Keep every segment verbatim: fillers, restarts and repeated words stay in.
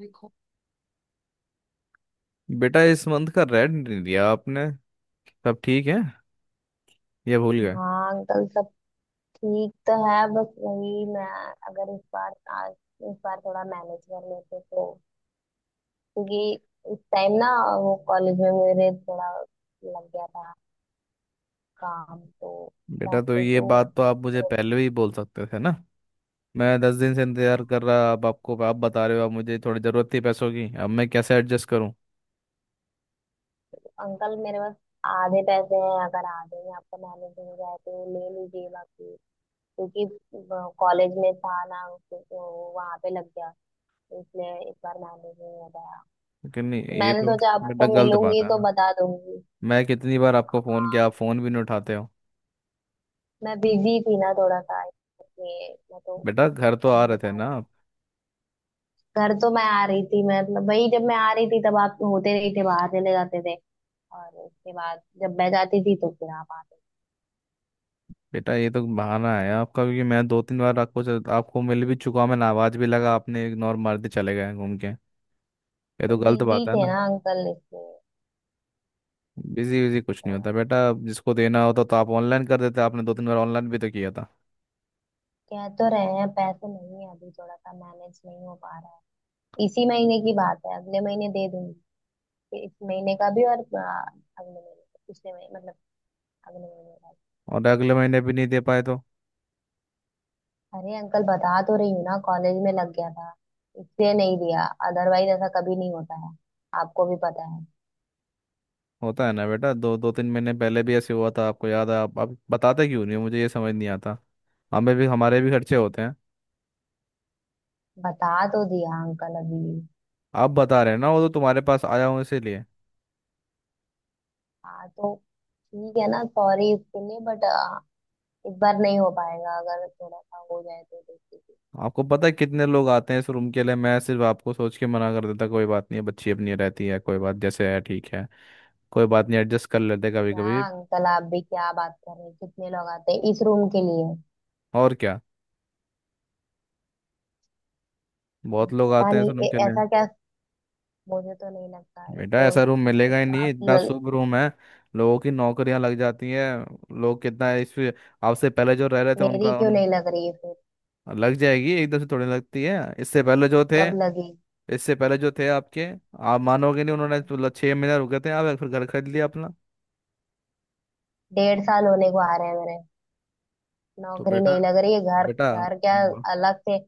देखो बेटा, इस मंथ का रेंट नहीं दिया आपने। सब ठीक है? ये भूल गए? हाँ अंकल, सब ठीक तो है। बस वही, मैं अगर इस बार, आज, इस बार थोड़ा मैनेज कर लेते तो, क्योंकि इस टाइम ना, वो कॉलेज में मेरे थोड़ा लग गया था काम तो, बेटा, तो पैसे ये तो। बात तो आप मुझे पहले भी बोल सकते थे ना। मैं दस दिन से इंतजार कर रहा, अब आपको आप बता रहे हो। अब मुझे थोड़ी ज़रूरत थी पैसों की, अब मैं कैसे एडजस्ट करूं? अंकल मेरे पास आधे पैसे हैं, अगर आधे में आपका मैनेज हो जाए तो ले लीजिए, बाकी क्योंकि कॉलेज में था ना, तो तो वहां पे लग गया, इसलिए इस बार मैनेज नहीं हो पाया। लेकिन नहीं ये मैंने तो, सोचा बेटा आपको गलत बात मिलूंगी है तो ना। बता दूंगी। मैं कितनी बार आपको फ़ोन किया, आप हाँ, फ़ोन भी नहीं उठाते हो। मैं बिजी थी ना थोड़ा सा, इसलिए मैं तो बेटा, घर तो क्या आ ही रहे थे ना बताऊँ। आप? घर तो मैं आ रही थी, मैं मतलब वही, जब मैं आ रही थी तब आप होते नहीं थे, बाहर चले जाते थे। और उसके बाद जब मैं जाती थी तो फिर आप आते थे। बेटा, ये तो बहाना है आपका, क्योंकि मैं दो तीन बार आपको आपको मिल भी चुका हूं, मैंने आवाज़ भी लगा, आपने इग्नोर मार के चले गए घूम के। ये तो तो गलत बिजी बात है थे ना। ना अंकल, इसलिए बिजी बिजी कुछ नहीं थोड़ा। होता बेटा। जिसको देना होता तो आप ऑनलाइन कर देते, आपने दो तीन बार ऑनलाइन भी तो किया था। कह तो रहे हैं पैसे नहीं है अभी, थोड़ा सा मैनेज नहीं हो पा रहा है, इसी महीने की बात है। अगले महीने दे दूंगी, फिर इस महीने का भी और आ, अगले महीने, पिछले महीने मतलब, अगले महीने का भी। और अगले महीने भी नहीं दे पाए तो? अरे अंकल, बता तो रही हूँ ना, कॉलेज में लग गया था, इसलिए नहीं दिया, अदरवाइज ऐसा कभी नहीं होता है, आपको भी पता है। होता है ना बेटा, दो दो तीन महीने पहले भी ऐसे हुआ था, आपको याद है? आप, आप बताते क्यों नहीं हो? मुझे ये समझ नहीं आता। हमें भी, हमारे भी खर्चे होते हैं। बता तो दिया अंकल अभी। आप बता रहे हैं ना, वो तो तुम्हारे पास आया हूँ इसीलिए। हाँ तो ठीक है ना, सॉरी इसके लिए, बट इस बार नहीं हो पाएगा, अगर थोड़ा सा हो जाए तो देख लीजिए। आपको पता है कितने लोग आते हैं इस रूम के लिए? मैं सिर्फ आपको सोच के मना कर देता, कोई बात नहीं है, बच्ची अपनी रहती है, कोई बात जैसे है, ठीक है। कोई बात नहीं, एडजस्ट कर लेते कभी क्या कभी। अंकल, आप भी क्या बात कर रहे हैं, कितने लोग आते हैं इस रूम के लिए। और क्या, बहुत लोग पता आते हैं इस नहीं रूम ए, के लिए। ऐसा क्या, मुझे तो नहीं लगता। एक बेटा, तो, ऐसा रूम एक मिलेगा ही तो नहीं, आप इतना ल, शुभ रूम है। लोगों की नौकरियां लग जाती हैं, लोग कितना इस, आपसे पहले जो रह रहे थे मेरी उनका क्यों उन, नहीं लग रही है फिर, लग जाएगी एकदम से, थोड़ी लगती है, इससे पहले जो थे, कब लगी। इससे पहले जो थे आपके, आप मानोगे नहीं, उन्होंने तो मतलब छह महीने रुके थे, आप फिर घर खरीद लिया अपना। डेढ़ साल होने को आ रहे हैं मेरे, तो नौकरी बेटा, नहीं लग रही है, घर बेटा घर क्या। अब- अलग से,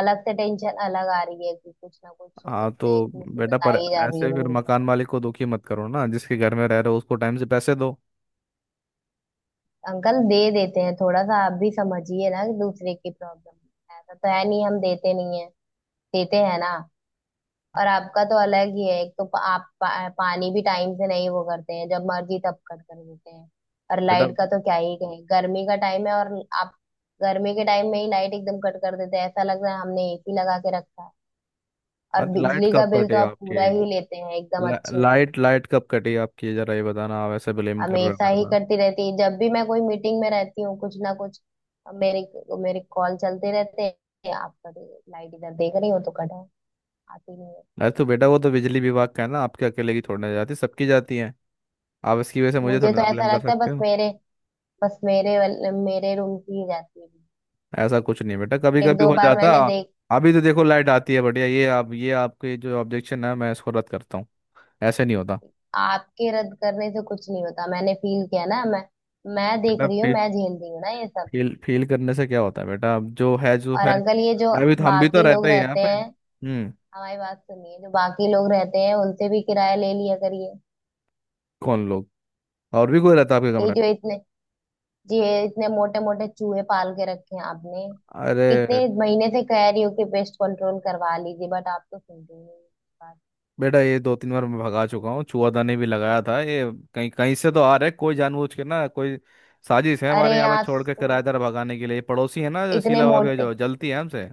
अलग से टेंशन अलग आ रही है, कि कुछ ना कुछ हाँ एक ना एक तो बेटा, मुसीबत आ पर ही जा रही है ऐसे फिर मेरे ऊपर। मकान मालिक को दुखी मत करो ना, जिसके घर में रह रहे हो उसको टाइम से पैसे दो। अंकल दे देते हैं, थोड़ा सा आप भी समझिए ना, कि दूसरे की प्रॉब्लम। ऐसा तो है नहीं हम देते नहीं है, देते हैं ना। और आपका तो अलग ही है, एक तो पा- आप पा, पानी भी टाइम से नहीं वो करते हैं, जब मर्जी तब कट कर देते हैं। और बेटा, लाइट का तो क्या ही कहें, गर्मी का टाइम है, और आप गर्मी के टाइम में ही लाइट एकदम कट कर देते हैं। ऐसा लग रहा है हमने एसी लगा के रखा है, और अरे लाइट बिजली का कब बिल तो कटे आप आपके? पूरा ही लेते हैं एकदम ला, अच्छे से। लाइट लाइट कब कटी आपकी? जरा ये बताना, आप ऐसे ब्लेम कर रहे हो हमेशा मेरे ही पर। करती रहती है, जब भी मैं कोई मीटिंग में रहती हूँ कुछ ना कुछ, मेरे तो मेरे कॉल चलते रहते हैं। आप कभी लाइट इधर देख रही हो तो कट है, आती नहीं है। अरे तो बेटा, वो तो बिजली विभाग का है ना, आपके अकेले की थोड़ी ना जाती, सबकी जाती है। आप इसकी वजह से मुझे मुझे थोड़ी तो ना ऐसा ब्लेम कर लगता है सकते बस हो। मेरे बस मेरे वाल- मेरे रूम की ही जाती ऐसा कुछ नहीं बेटा, कभी है, एक कभी दो हो बार जाता। मैंने देख। अभी तो देखो लाइट आती है बढ़िया, ये आप, ये आपके जो ऑब्जेक्शन है मैं इसको रद्द करता हूँ। ऐसे नहीं होता। आपके रद्द करने से कुछ नहीं होता, मैंने फील किया ना, मैं मैं देख बेटा रही हूँ, फील, मैं झेल रही हूँ ना ये सब। फील फील करने से क्या होता है बेटा? अब जो है जो और है। अंकल, ये जो मैं भी, हम भी तो बाकी लोग रहते हैं यहाँ रहते पे। हैं, हम्म। हमारी बात सुनिए, जो बाकी लोग रहते हैं उनसे भी किराया ले लिया करिए। कौन लोग, और भी कोई रहता है आपके ये कमरे में? जो इतने ये इतने मोटे मोटे चूहे पाल के रखे हैं आपने। अरे इतने महीने से कह रही हो कि पेस्ट कंट्रोल करवा लीजिए, बट आप तो सुनते ही नहीं मेरी बात। बेटा, ये दो तीन बार मैं भगा चुका हूँ, चूआदानी भी लगाया था, ये कहीं कहीं से तो आ रहा है, कोई जानबूझ के ना। कोई साजिश है, अरे हमारे यहाँ पे यहाँ छोड़ के तो किराएदार भगाने के लिए, पड़ोसी है ना, जो इतने शीला भाभी है, मोटे जो जलती है हमसे।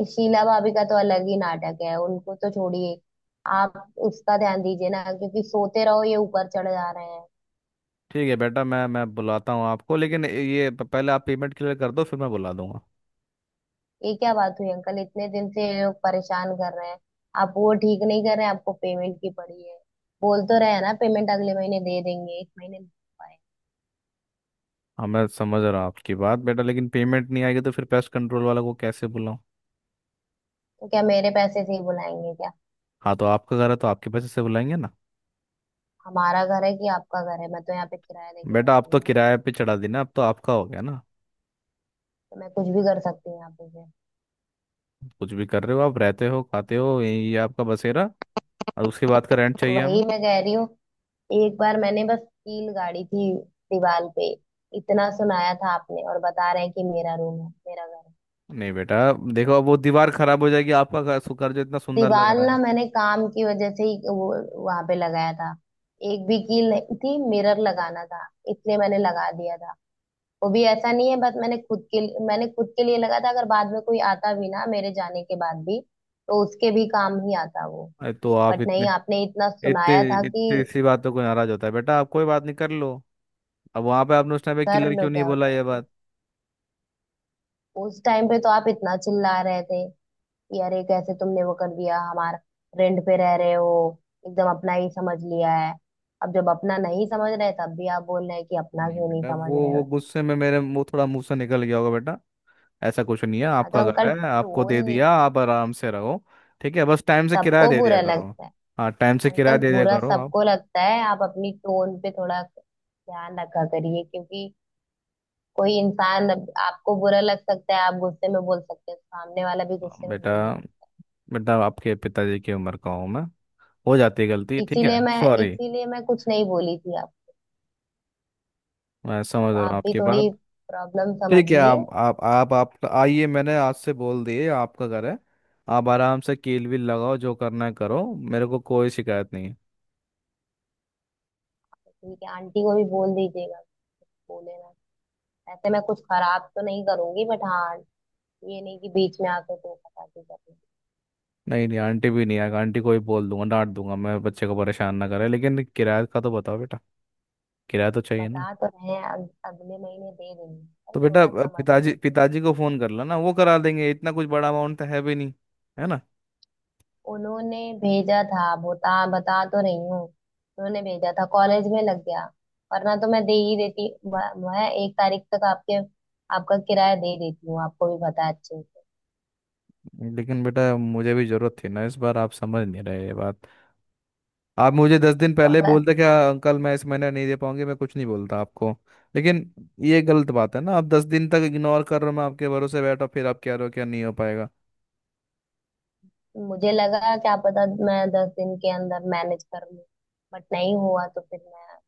इस शीला भाभी का तो अलग ही नाटक है, उनको तो छोड़िए। आप उसका ध्यान दीजिए ना, क्योंकि सोते रहो ये ऊपर चढ़ जा रहे हैं। ठीक है बेटा, मैं मैं बुलाता हूँ आपको, लेकिन ये प- पहले आप पेमेंट क्लियर कर दो, फिर मैं बुला दूंगा। ये क्या बात हुई अंकल, इतने दिन से ये लोग परेशान कर रहे हैं, आप वो ठीक नहीं कर रहे हैं, आपको पेमेंट की पड़ी है। बोल तो रहे हैं ना, पेमेंट अगले महीने दे देंगे, इस महीने नहीं दे पाए। हाँ, मैं समझ रहा हूँ आपकी बात बेटा, लेकिन पेमेंट नहीं आएगी तो फिर पेस्ट कंट्रोल वाला को कैसे बुलाऊँ? तो क्या मेरे पैसे से ही बुलाएंगे क्या। हाँ तो आपका घर है, तो आपके पैसे से बुलाएंगे ना। हमारा घर है कि आपका घर है, मैं तो यहाँ पे किराया लेके बेटा, आप रहती तो हूँ ना। किराए पे चढ़ा देना, अब तो आपका हो गया ना। तो मैं कुछ भी कर सकती हूँ यहाँ पे से। कुछ भी कर रहे हो, आप रहते हो, खाते हो, यही आपका बसेरा। और उसके बाद का रेंट तो चाहिए हमें। वही मैं कह रही हूँ, एक बार मैंने बस कील गाड़ी थी दीवार पे, इतना सुनाया था आपने, और बता रहे हैं कि मेरा रूम है मेरा घर है। नहीं बेटा देखो, अब वो दीवार खराब हो जाएगी, आपका घर सु- घर जो इतना सुंदर लग दीवार रहा ना है। मैंने काम की वजह से ही वो वहां पे लगाया था, एक भी कील नहीं थी, मिरर लगाना था इसलिए मैंने लगा दिया था। वो भी ऐसा नहीं है, बस मैंने खुद के लिए- मैंने खुद के लिए लगा था, अगर बाद में कोई आता भी ना मेरे जाने के बाद भी, तो उसके भी काम ही आता वो। अरे तो आप बट इतने, नहीं, आपने इतना इतने सुनाया था कि इतनी सी बातों को नाराज होता है बेटा? आप कोई बात नहीं, कर लो। अब वहां पे आपने उस टाइम पे कर किलर लो क्यों नहीं क्या बोला होता है ये उस बात? उस टाइम पे तो आप इतना चिल्ला रहे थे, यार ये कैसे तुमने वो कर दिया, हमारा रेंट पे रह रहे हो एकदम अपना ही समझ लिया है। अब जब अपना नहीं समझ रहे, तब भी आप बोल रहे हैं कि अपना नहीं क्यों नहीं बेटा, समझ वो रहे वो हो। गुस्से में मेरे मुंह, थोड़ा मुंह से निकल गया होगा बेटा। ऐसा कुछ नहीं है, हाँ तो आपका घर अंकल, है, आपको टोन दे नहीं, दिया, आप आराम से रहो। ठीक है, बस टाइम से किराया सबको दे दिया बुरा करो। लगता है। हाँ, टाइम से किराया अंकल, दे दिया बुरा करो आप। सबको लगता है, आप अपनी टोन पे थोड़ा ध्यान रखा करिए, क्योंकि कोई इंसान, अब आपको बुरा लग सकता है, आप गुस्से में बोल सकते हैं, सामने वाला भी हाँ गुस्से में बेटा, बोल ही सकता बेटा आपके पिताजी की उम्र का हूँ मैं, हो जाती है गलती। है, ठीक है, इसीलिए मैं सॉरी। इसीलिए मैं कुछ नहीं बोली थी आप। मैं समझ तो रहा हूँ आप भी आपकी थोड़ी बात। प्रॉब्लम ठीक है, समझिए। आप आप आप आप आइए, मैंने आज से बोल दिए आपका घर है। आप आराम से कील वील लगाओ, जो करना है करो, मेरे को कोई शिकायत नहीं है। ठीक है, आंटी को भी बोल दीजिएगा, बोले ना। ऐसे मैं कुछ खराब तो नहीं करूंगी, बट हाँ, ये नहीं कि बीच में आके तो खटाखी कर दूं। नहीं नहीं, आंटी भी नहीं आएगा, आंटी को ही बोल दूंगा, डांट दूंगा मैं, बच्चे को परेशान ना करे, लेकिन किराया का तो बताओ बेटा। किराया तो चाहिए ना। बता तो रहे हैं अग, अगले महीने दे देंगे, पर तो बेटा थोड़ा अ, पिताजी समझिए। पिताजी को फोन कर लो ना, वो करा देंगे, इतना कुछ बड़ा अमाउंट तो है भी नहीं, है ना? उन्होंने भेजा था, बता बता तो रही हूँ, उन्होंने भेजा था, कॉलेज में लग गया, वरना तो मैं दे ही देती। म- मैं एक तारीख तक आपके, आपका किराया दे देती हूँ, आपको भी पता है अच्छे से। लेकिन बेटा, मुझे भी जरूरत थी ना इस बार, आप समझ नहीं रहे ये बात। आप मुझे दस दिन तो पहले अगर बोलते, क्या अंकल मैं इस महीने नहीं दे पाऊंगी, मैं कुछ नहीं बोलता आपको। लेकिन ये गलत बात है ना, आप दस दिन तक इग्नोर कर रहे हो, मैं आपके भरोसे बैठा, फिर आप कह रहे हो क्या नहीं हो पाएगा। मुझे लगा क्या पता मैं दस दिन के अंदर मैनेज कर लूँ, बट नहीं हुआ, तो फिर मैं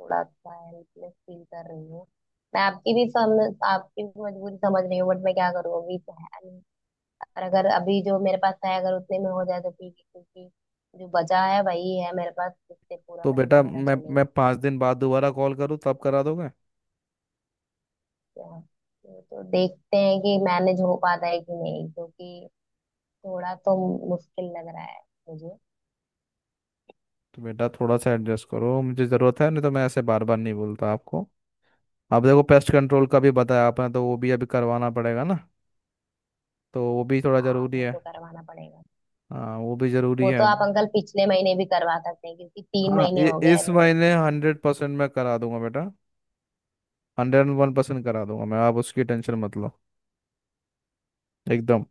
थोड़ा सा हेल्पलेस फील कर रही हूँ। मैं आपकी भी समझ, आपकी भी मजबूरी समझ रही हूँ, बट मैं क्या करूँ, अभी तो है नहीं। और अगर अभी जो मेरे पास है, अगर उतने में हो जाए तो ठीक है, क्योंकि जो बचा है वही है मेरे पास जिससे पूरा तो महीना बेटा, मेरा मैं मैं चलेगा। पाँच दिन बाद दोबारा कॉल करूँ, तब करा दोगे? तो तो देखते हैं कि मैनेज हो पाता है कि नहीं, क्योंकि थोड़ा तो मुश्किल लग रहा है मुझे। तो बेटा थोड़ा सा एडजस्ट करो, मुझे ज़रूरत है, नहीं तो मैं ऐसे बार बार नहीं बोलता आपको। आप देखो, पेस्ट कंट्रोल का भी बताया आपने, तो वो भी अभी करवाना पड़ेगा ना, तो वो भी थोड़ा हाँ ज़रूरी वो है। तो करवाना पड़ेगा, हाँ, वो भी ज़रूरी वो है। तो आप अंकल पिछले महीने भी करवा सकते हैं, क्योंकि तीन हाँ, महीने इ- हो गए इस मैं। महीने हंड्रेड परसेंट मैं करा दूंगा बेटा, हंड्रेड वन परसेंट करा दूंगा मैं, आप उसकी टेंशन मत लो, एकदम।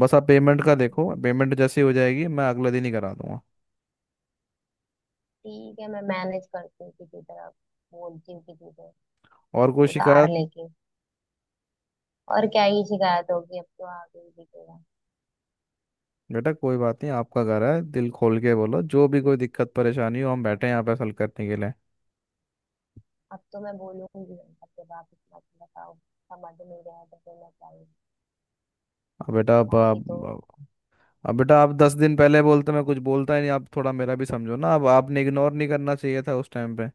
बस आप पेमेंट का देखो, पेमेंट जैसे ही हो जाएगी मैं अगले दिन ही करा दूंगा। ठीक है, मैं मैनेज करती हूँ किसी तरह, बोलती हूँ किसी से और कोई उधार शिकायत? लेके। और क्या ही शिकायत होगी, अब तो आगे ही दिखेगा। बेटा कोई बात नहीं, आपका घर है, दिल खोल के बोलो, जो भी कोई दिक्कत परेशानी हो, हम बैठे हैं यहाँ पे हल करने के लिए। अब तो मैं बोलूंगी, अब जब आप इतना तो बताओ, समझ नहीं रहे तो फिर मैं क्या ही, अब बेटा अब बाकी तो। अब अब बेटा, आप दस दिन पहले बोलते, मैं कुछ बोलता ही नहीं, आप थोड़ा मेरा भी समझो ना। अब आपने इग्नोर नहीं करना चाहिए था उस टाइम पे।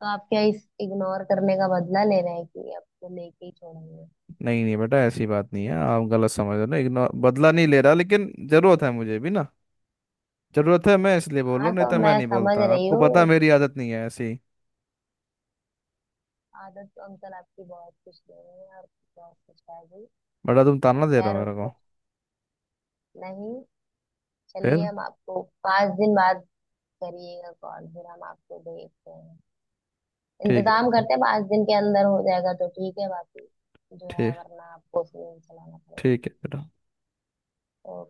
तो आप क्या इस इग्नोर करने का बदला ले रहे हैं, कि अब तो लेके ही छोड़ेंगे। नहीं नहीं बेटा, ऐसी बात नहीं है, आप गलत समझ रहे हो ना, इग्नोर बदला नहीं ले रहा, लेकिन जरूरत है मुझे भी ना। जरूरत है, मैं इसलिए बोल रहा हाँ हूँ, नहीं तो तो मैं मैं नहीं समझ बोलता, रही आपको हूँ पता है इस, मेरी आदत नहीं है ऐसी। आदत तो अंकल आपकी, बहुत कुछ दे रहे हैं और बहुत कुछ है भी। बड़ा तुम ताना दे रहे हो खैर मेरे को। उसको, नहीं, चलिए, फिर? हम आपको पाँच दिन बाद, करिएगा कॉल, फिर हम आपको देखते हैं, ठीक है इंतजाम बेटा। करते हैं, पाँच दिन के अंदर हो जाएगा तो ठीक है, बाकी जो है ठीक, वरना आपको उसे चलाना पड़ेगा। ठीक है बेटा। ओके।